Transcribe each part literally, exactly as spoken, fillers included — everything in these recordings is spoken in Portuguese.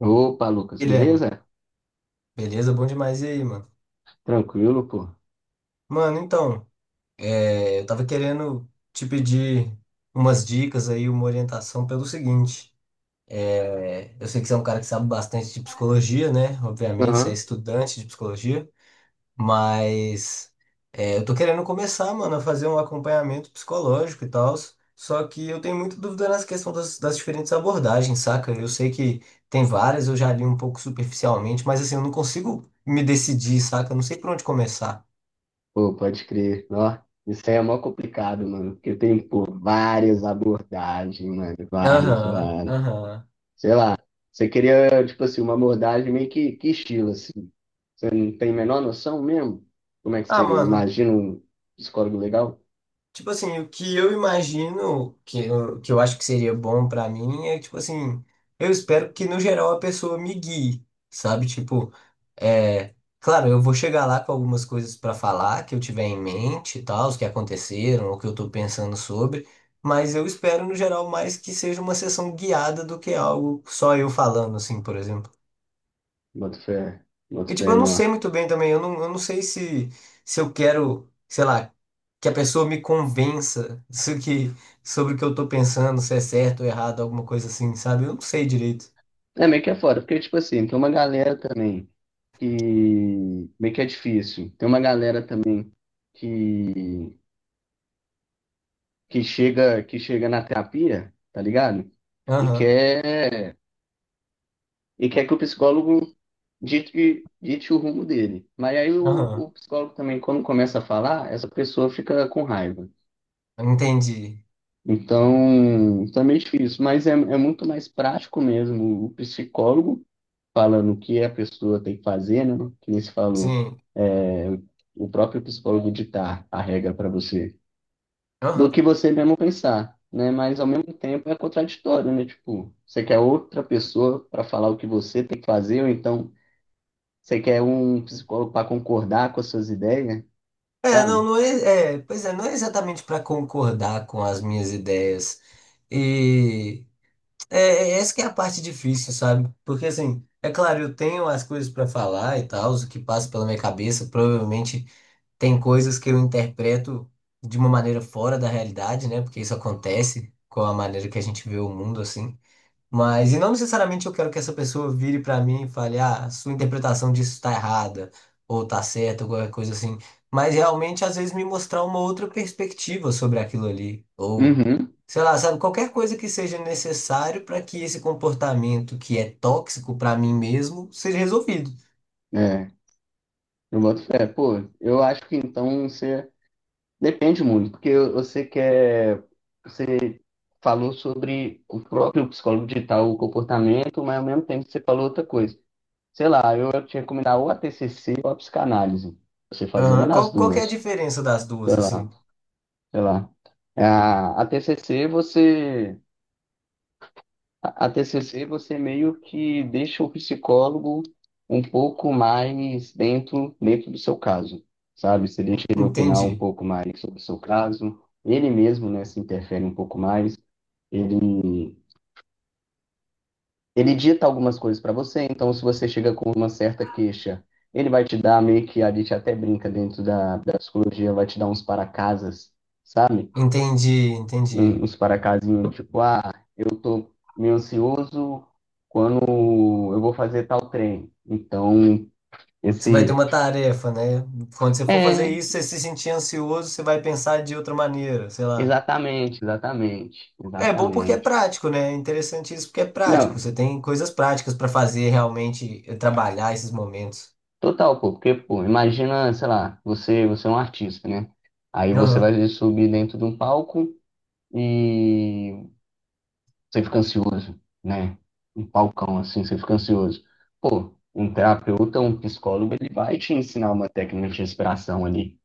Opa, Lucas, Guilherme, beleza? beleza? Bom demais. E aí, mano? Tranquilo, pô. Mano, então, é, eu tava querendo te pedir umas dicas aí, uma orientação pelo seguinte. É, eu sei que você é um cara que sabe bastante de psicologia, né? Obviamente, você é Aham. estudante de psicologia, mas é, eu tô querendo começar, mano, a fazer um acompanhamento psicológico e tal. Só que eu tenho muita dúvida nessa questão das, das diferentes abordagens, saca? Eu sei que tem várias, eu já li um pouco superficialmente, mas assim, eu não consigo me decidir, saca? Eu não sei por onde começar. Pô, pode crer. Ó, isso aí é mó complicado, mano. Porque tem, pô, várias abordagens, mano. Várias, Aham, várias. aham. Sei lá. Você queria, tipo assim, uma abordagem meio que, que estilo, assim. Você não tem a menor noção mesmo? Como é que você Ah, mano, imagina um psicólogo legal? tipo assim, o que eu imagino que eu, que eu acho que seria bom pra mim é, tipo assim, eu espero que no geral a pessoa me guie, sabe? Tipo, é. Claro, eu vou chegar lá com algumas coisas pra falar que eu tiver em mente e tal, os que aconteceram, o que eu tô pensando sobre, mas eu espero no geral mais que seja uma sessão guiada do que algo só eu falando, assim, por exemplo. Bota fé, E, bota tipo, fé eu não não. sei muito bem também. Eu não, eu não sei se, se eu quero, sei lá, que a pessoa me convença se que, sobre o que eu tô pensando, se é certo ou errado, alguma coisa assim, sabe? Eu não sei direito. É meio que é foda, porque, tipo assim, tem uma galera também que meio que é difícil. Tem uma galera também que. que chega, que chega na terapia, tá ligado? E Aham, quer, e quer que o psicólogo dite, dite o rumo dele. Mas aí o, o aham. psicólogo também, quando começa a falar, essa pessoa fica com raiva. Entendi. Então, também é difícil, mas é, é muito mais prático mesmo o psicólogo falando o que a pessoa tem que fazer, né? Que nem se falou, Sim. é, o próprio psicólogo ditar a regra para você, do Aham. que você mesmo pensar, né? Mas ao mesmo tempo é contraditório, né? Tipo, você quer outra pessoa para falar o que você tem que fazer, ou então você quer um psicólogo para concordar com as suas ideias, É, não, sabe? não é, é. Pois é, não é exatamente para concordar com as minhas ideias. E é, é essa que é a parte difícil, sabe? Porque, assim, é claro, eu tenho as coisas para falar e tal, o que passa pela minha cabeça, provavelmente. Tem coisas que eu interpreto de uma maneira fora da realidade, né? Porque isso acontece com a maneira que a gente vê o mundo assim. Mas, e não necessariamente eu quero que essa pessoa vire pra mim e fale, ah, sua interpretação disso tá errada, ou tá certa, ou qualquer coisa assim. Mas realmente, às vezes, me mostrar uma outra perspectiva sobre aquilo ali. Ou, Uhum, sei lá, sabe, qualquer coisa que seja necessário para que esse comportamento que é tóxico pra mim mesmo seja resolvido. é. Eu boto fé. Pô, eu acho que então você depende muito, porque você quer você falou sobre o próprio psicólogo digital, o comportamento, mas ao mesmo tempo você falou outra coisa. Sei lá, eu ia te recomendar ou a T C C ou a psicanálise. Você fazer uma Aham, das qual, qual que é a duas. diferença das Sei duas, assim? lá, sei lá. A, a T C C você a, a T C C você meio que deixa o psicólogo um pouco mais dentro dentro do seu caso, sabe? Você deixa ele opinar um Entendi. pouco mais sobre o seu caso, ele mesmo, né, se interfere um pouco mais. Ele ele dita algumas coisas para você, então se você chega com uma certa queixa, ele vai te dar meio que a gente até brinca dentro da, da psicologia, vai te dar uns para-casas, sabe? Entendi, um- entendi. uns paracasinhos, tipo, ah, eu tô meio ansioso quando eu vou fazer tal treino. Então, Você vai ter esse. uma tarefa, né? Quando você for fazer É, isso, você se sentir ansioso, você vai pensar de outra maneira, sei lá. exatamente, exatamente, É bom porque é exatamente. prático, né? É interessante isso porque é prático. Não, Você tem coisas práticas para fazer realmente eh, trabalhar esses momentos. total, pô, porque, pô, imagina, sei lá, você, você é um artista, né? Aí você Aham, vai subir dentro de um palco e você fica ansioso, né? Um palcão assim, você fica ansioso. Pô, um terapeuta, um psicólogo, ele vai te ensinar uma técnica de respiração ali.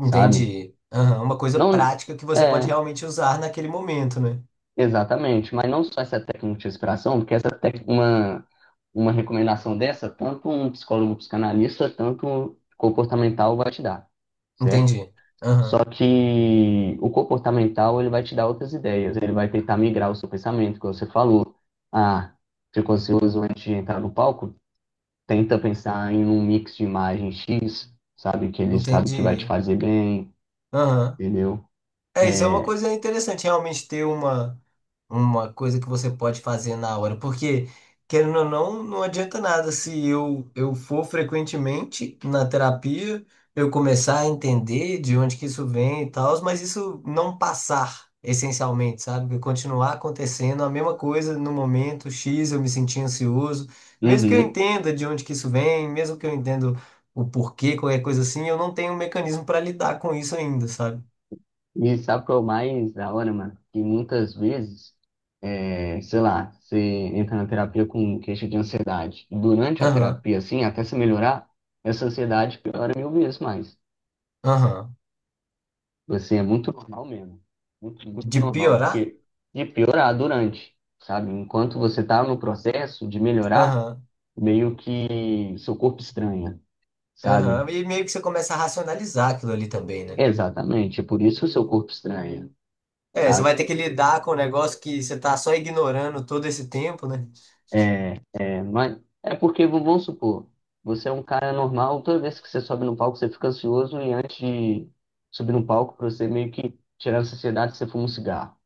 Sabe? Aham, uma coisa Não, prática que você pode é, realmente usar naquele momento, né? exatamente, mas não só essa técnica de respiração, porque essa técnica, uma, uma recomendação dessa, tanto um psicólogo um psicanalista, tanto um comportamental vai te dar, certo? Entendi. Só Aham, que o comportamental, ele vai te dar outras ideias, ele vai tentar migrar o seu pensamento, que você falou. Ah, ficou ansioso antes de entrar no palco? Tenta pensar em um mix de imagens X, sabe? Que ele sabe que vai te entendi. fazer bem, Aham. entendeu? É, isso é uma coisa interessante, realmente ter uma, uma coisa que você pode fazer na hora, porque, querendo ou não, não adianta nada se eu, eu for frequentemente na terapia, eu começar a entender de onde que isso vem e tal, mas isso não passar, essencialmente, sabe? Continuar acontecendo a mesma coisa no momento X, eu me senti ansioso, mesmo que eu Uhum. entenda de onde que isso vem, mesmo que eu entenda o porquê, qualquer coisa assim, eu não tenho um mecanismo para lidar com isso ainda, sabe? E sabe o que é o mais da hora, mano? Que muitas vezes, é, sei lá, você entra na terapia com queixa de ansiedade. E durante a Aham. terapia, assim, até se melhorar, essa ansiedade piora mil vezes mais. Aham. Assim, é muito normal mesmo. Muito, muito De normal. piorar? Porque de piorar durante, sabe? Enquanto você tá no processo de melhorar, Aham. meio que seu corpo estranha, Aham. sabe? E meio que você começa a racionalizar aquilo ali também, né? Exatamente. É por isso que o seu corpo estranha, É, você sabe? vai ter que lidar com um negócio que você tá só ignorando todo esse tempo, né? É, é, mas é porque, vamos supor, você é um cara normal, toda vez que você sobe no palco, você fica ansioso e antes de subir no palco, pra você meio que tirar a ansiedade, você fuma um cigarro.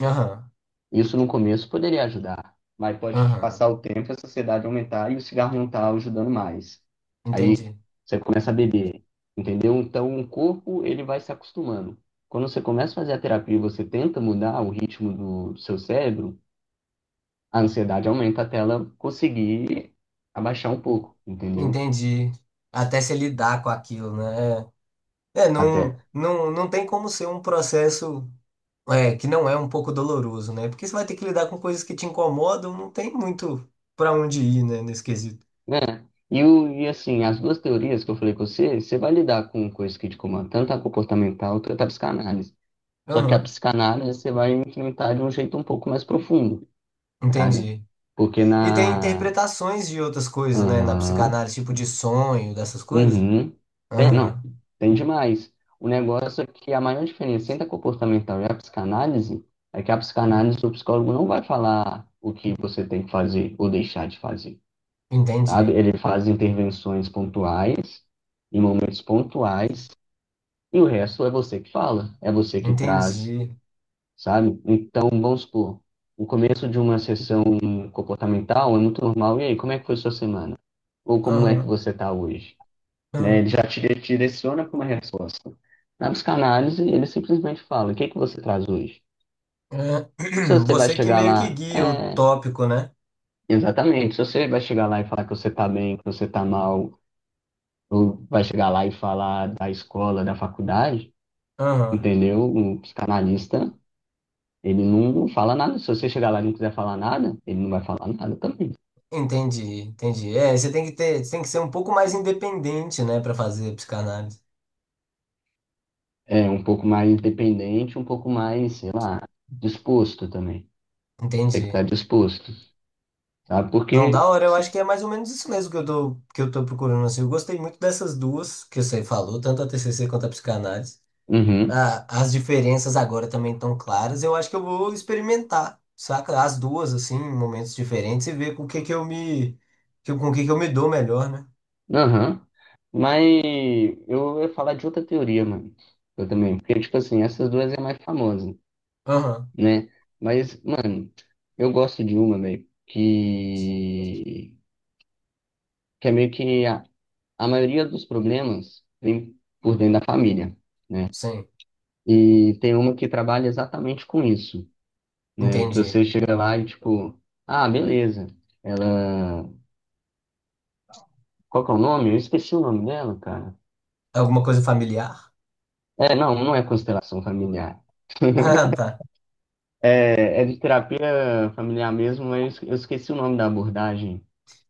Aham. Isso no começo poderia ajudar, mas pode Aham. passar o tempo, e a ansiedade aumentar e o cigarro não tá ajudando mais. Entendi. Você começa a beber, entendeu? Então o corpo, ele vai se acostumando. Quando você começa a fazer a terapia e você tenta mudar o ritmo do seu cérebro, a ansiedade aumenta até ela conseguir abaixar um pouco, entendeu? Entendi. Até se lidar com aquilo, né? É, é, não, Até, não, não tem como ser um processo é, que não é um pouco doloroso, né? Porque você vai ter que lidar com coisas que te incomodam, não tem muito pra onde ir, né, nesse quesito. né? E, o- e assim, as duas teorias que eu falei com você, você vai lidar com coisas que te comandam, tanto a comportamental quanto a psicanálise. Só que a Aham. psicanálise você vai enfrentar de um jeito um pouco mais profundo, sabe? Entendi. Porque E tem na. interpretações de outras coisas, né? Na Aham. psicanálise, tipo de sonho, dessas coisas. Uhum. Tem- não, Aham. tem demais. O negócio é que a maior diferença entre a comportamental e a psicanálise é que a psicanálise, o psicólogo não vai falar o que você tem que fazer ou deixar de fazer, Entendi. sabe? Ele faz intervenções pontuais, em momentos pontuais, e o resto é você que fala, é você que traz, Entendi. sabe? Então, vamos supor, o começo de uma sessão comportamental é muito normal. E aí, como é que foi sua semana? Ou como é que Aham. você está hoje? Né? Ele aham, já te te direciona para uma resposta. Na psicanálise, ele simplesmente fala: o que que você traz hoje? aham. Se você vai Você que chegar meio que lá, guia o é, tópico, né? exatamente. Se você vai chegar lá e falar que você está bem, que você está mal, ou vai chegar lá e falar da escola, da faculdade, Aham. entendeu? O psicanalista, ele não fala nada. Se você chegar lá e não quiser falar nada, ele não vai falar nada também. Entendi, entendi. É, você tem que ter, você tem que ser um pouco mais independente, né, pra fazer psicanálise. É um pouco mais independente, um pouco mais, sei lá, disposto também. Tem que Entendi. estar disposto, sabe? Não, da Porque. hora, eu acho que é mais ou menos isso mesmo que eu tô, que eu tô procurando, assim. Eu gostei muito dessas duas que você falou, tanto a T C C quanto a psicanálise. Uhum. A- as diferenças agora também estão claras. Eu acho que eu vou experimentar, saca? As duas, assim, em momentos diferentes e ver com o que que eu me, que- com o que que eu me dou melhor, né? Aham. Mas eu ia falar de outra teoria, mano. Eu também. Porque, tipo assim, essas duas é a mais famosa, Aham, né? Mas, mano, eu gosto de uma, velho, que... que é meio que a, a maioria dos problemas vem por dentro da família. sim, E tem uma que trabalha exatamente com isso, né? Que você entendi. chega lá e, tipo, ah, beleza. Ela. Qual que é o nome? Eu esqueci o nome dela, cara. Alguma coisa familiar? É, não, não é constelação familiar. Ah, tá. É, é de terapia familiar mesmo, mas eu esqueci o nome da abordagem.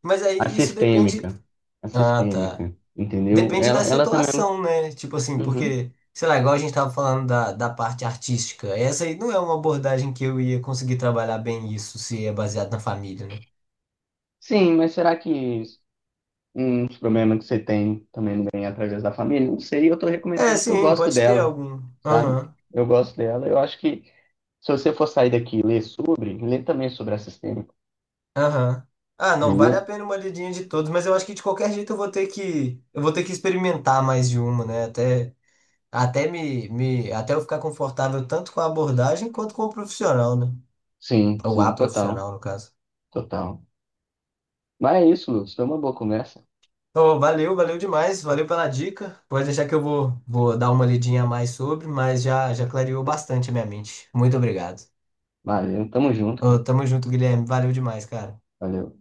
Mas A aí isso depende. sistêmica. A Ah, tá. sistêmica, entendeu? Depende Ela, da ela também situação, né? Tipo é assim, um... Uhum. porque, sei lá, igual a gente tava falando da, da parte artística, essa aí não é uma abordagem que eu ia conseguir trabalhar bem isso se é baseado na família, né? Sim, mas será que uns problemas que você tem também não vem através da família? Não sei, eu tô É, recomendando porque eu sim, gosto pode ter dela, algum. sabe? Aham. Eu gosto dela. Eu acho que se você for sair daqui e ler sobre, lê também sobre a sistêmica, Aham. Ah, não, vale a beleza? pena uma lidinha de todos, mas eu acho que de qualquer jeito eu vou ter que, eu vou ter que experimentar mais de uma, né? Até, até me, me, até eu ficar confortável tanto com a abordagem quanto com o profissional, né? Sim, Ou a sim, total, profissional, no caso. total. Mas é isso, Lucas. Foi uma boa conversa. Então, valeu, valeu demais, valeu pela dica. Pode deixar que eu vou, vou dar uma lidinha a mais sobre, mas já, já clareou bastante a minha mente. Muito obrigado. Valeu, tamo junto, Ô, cara. tamo junto, Guilherme. Valeu demais, cara. Valeu.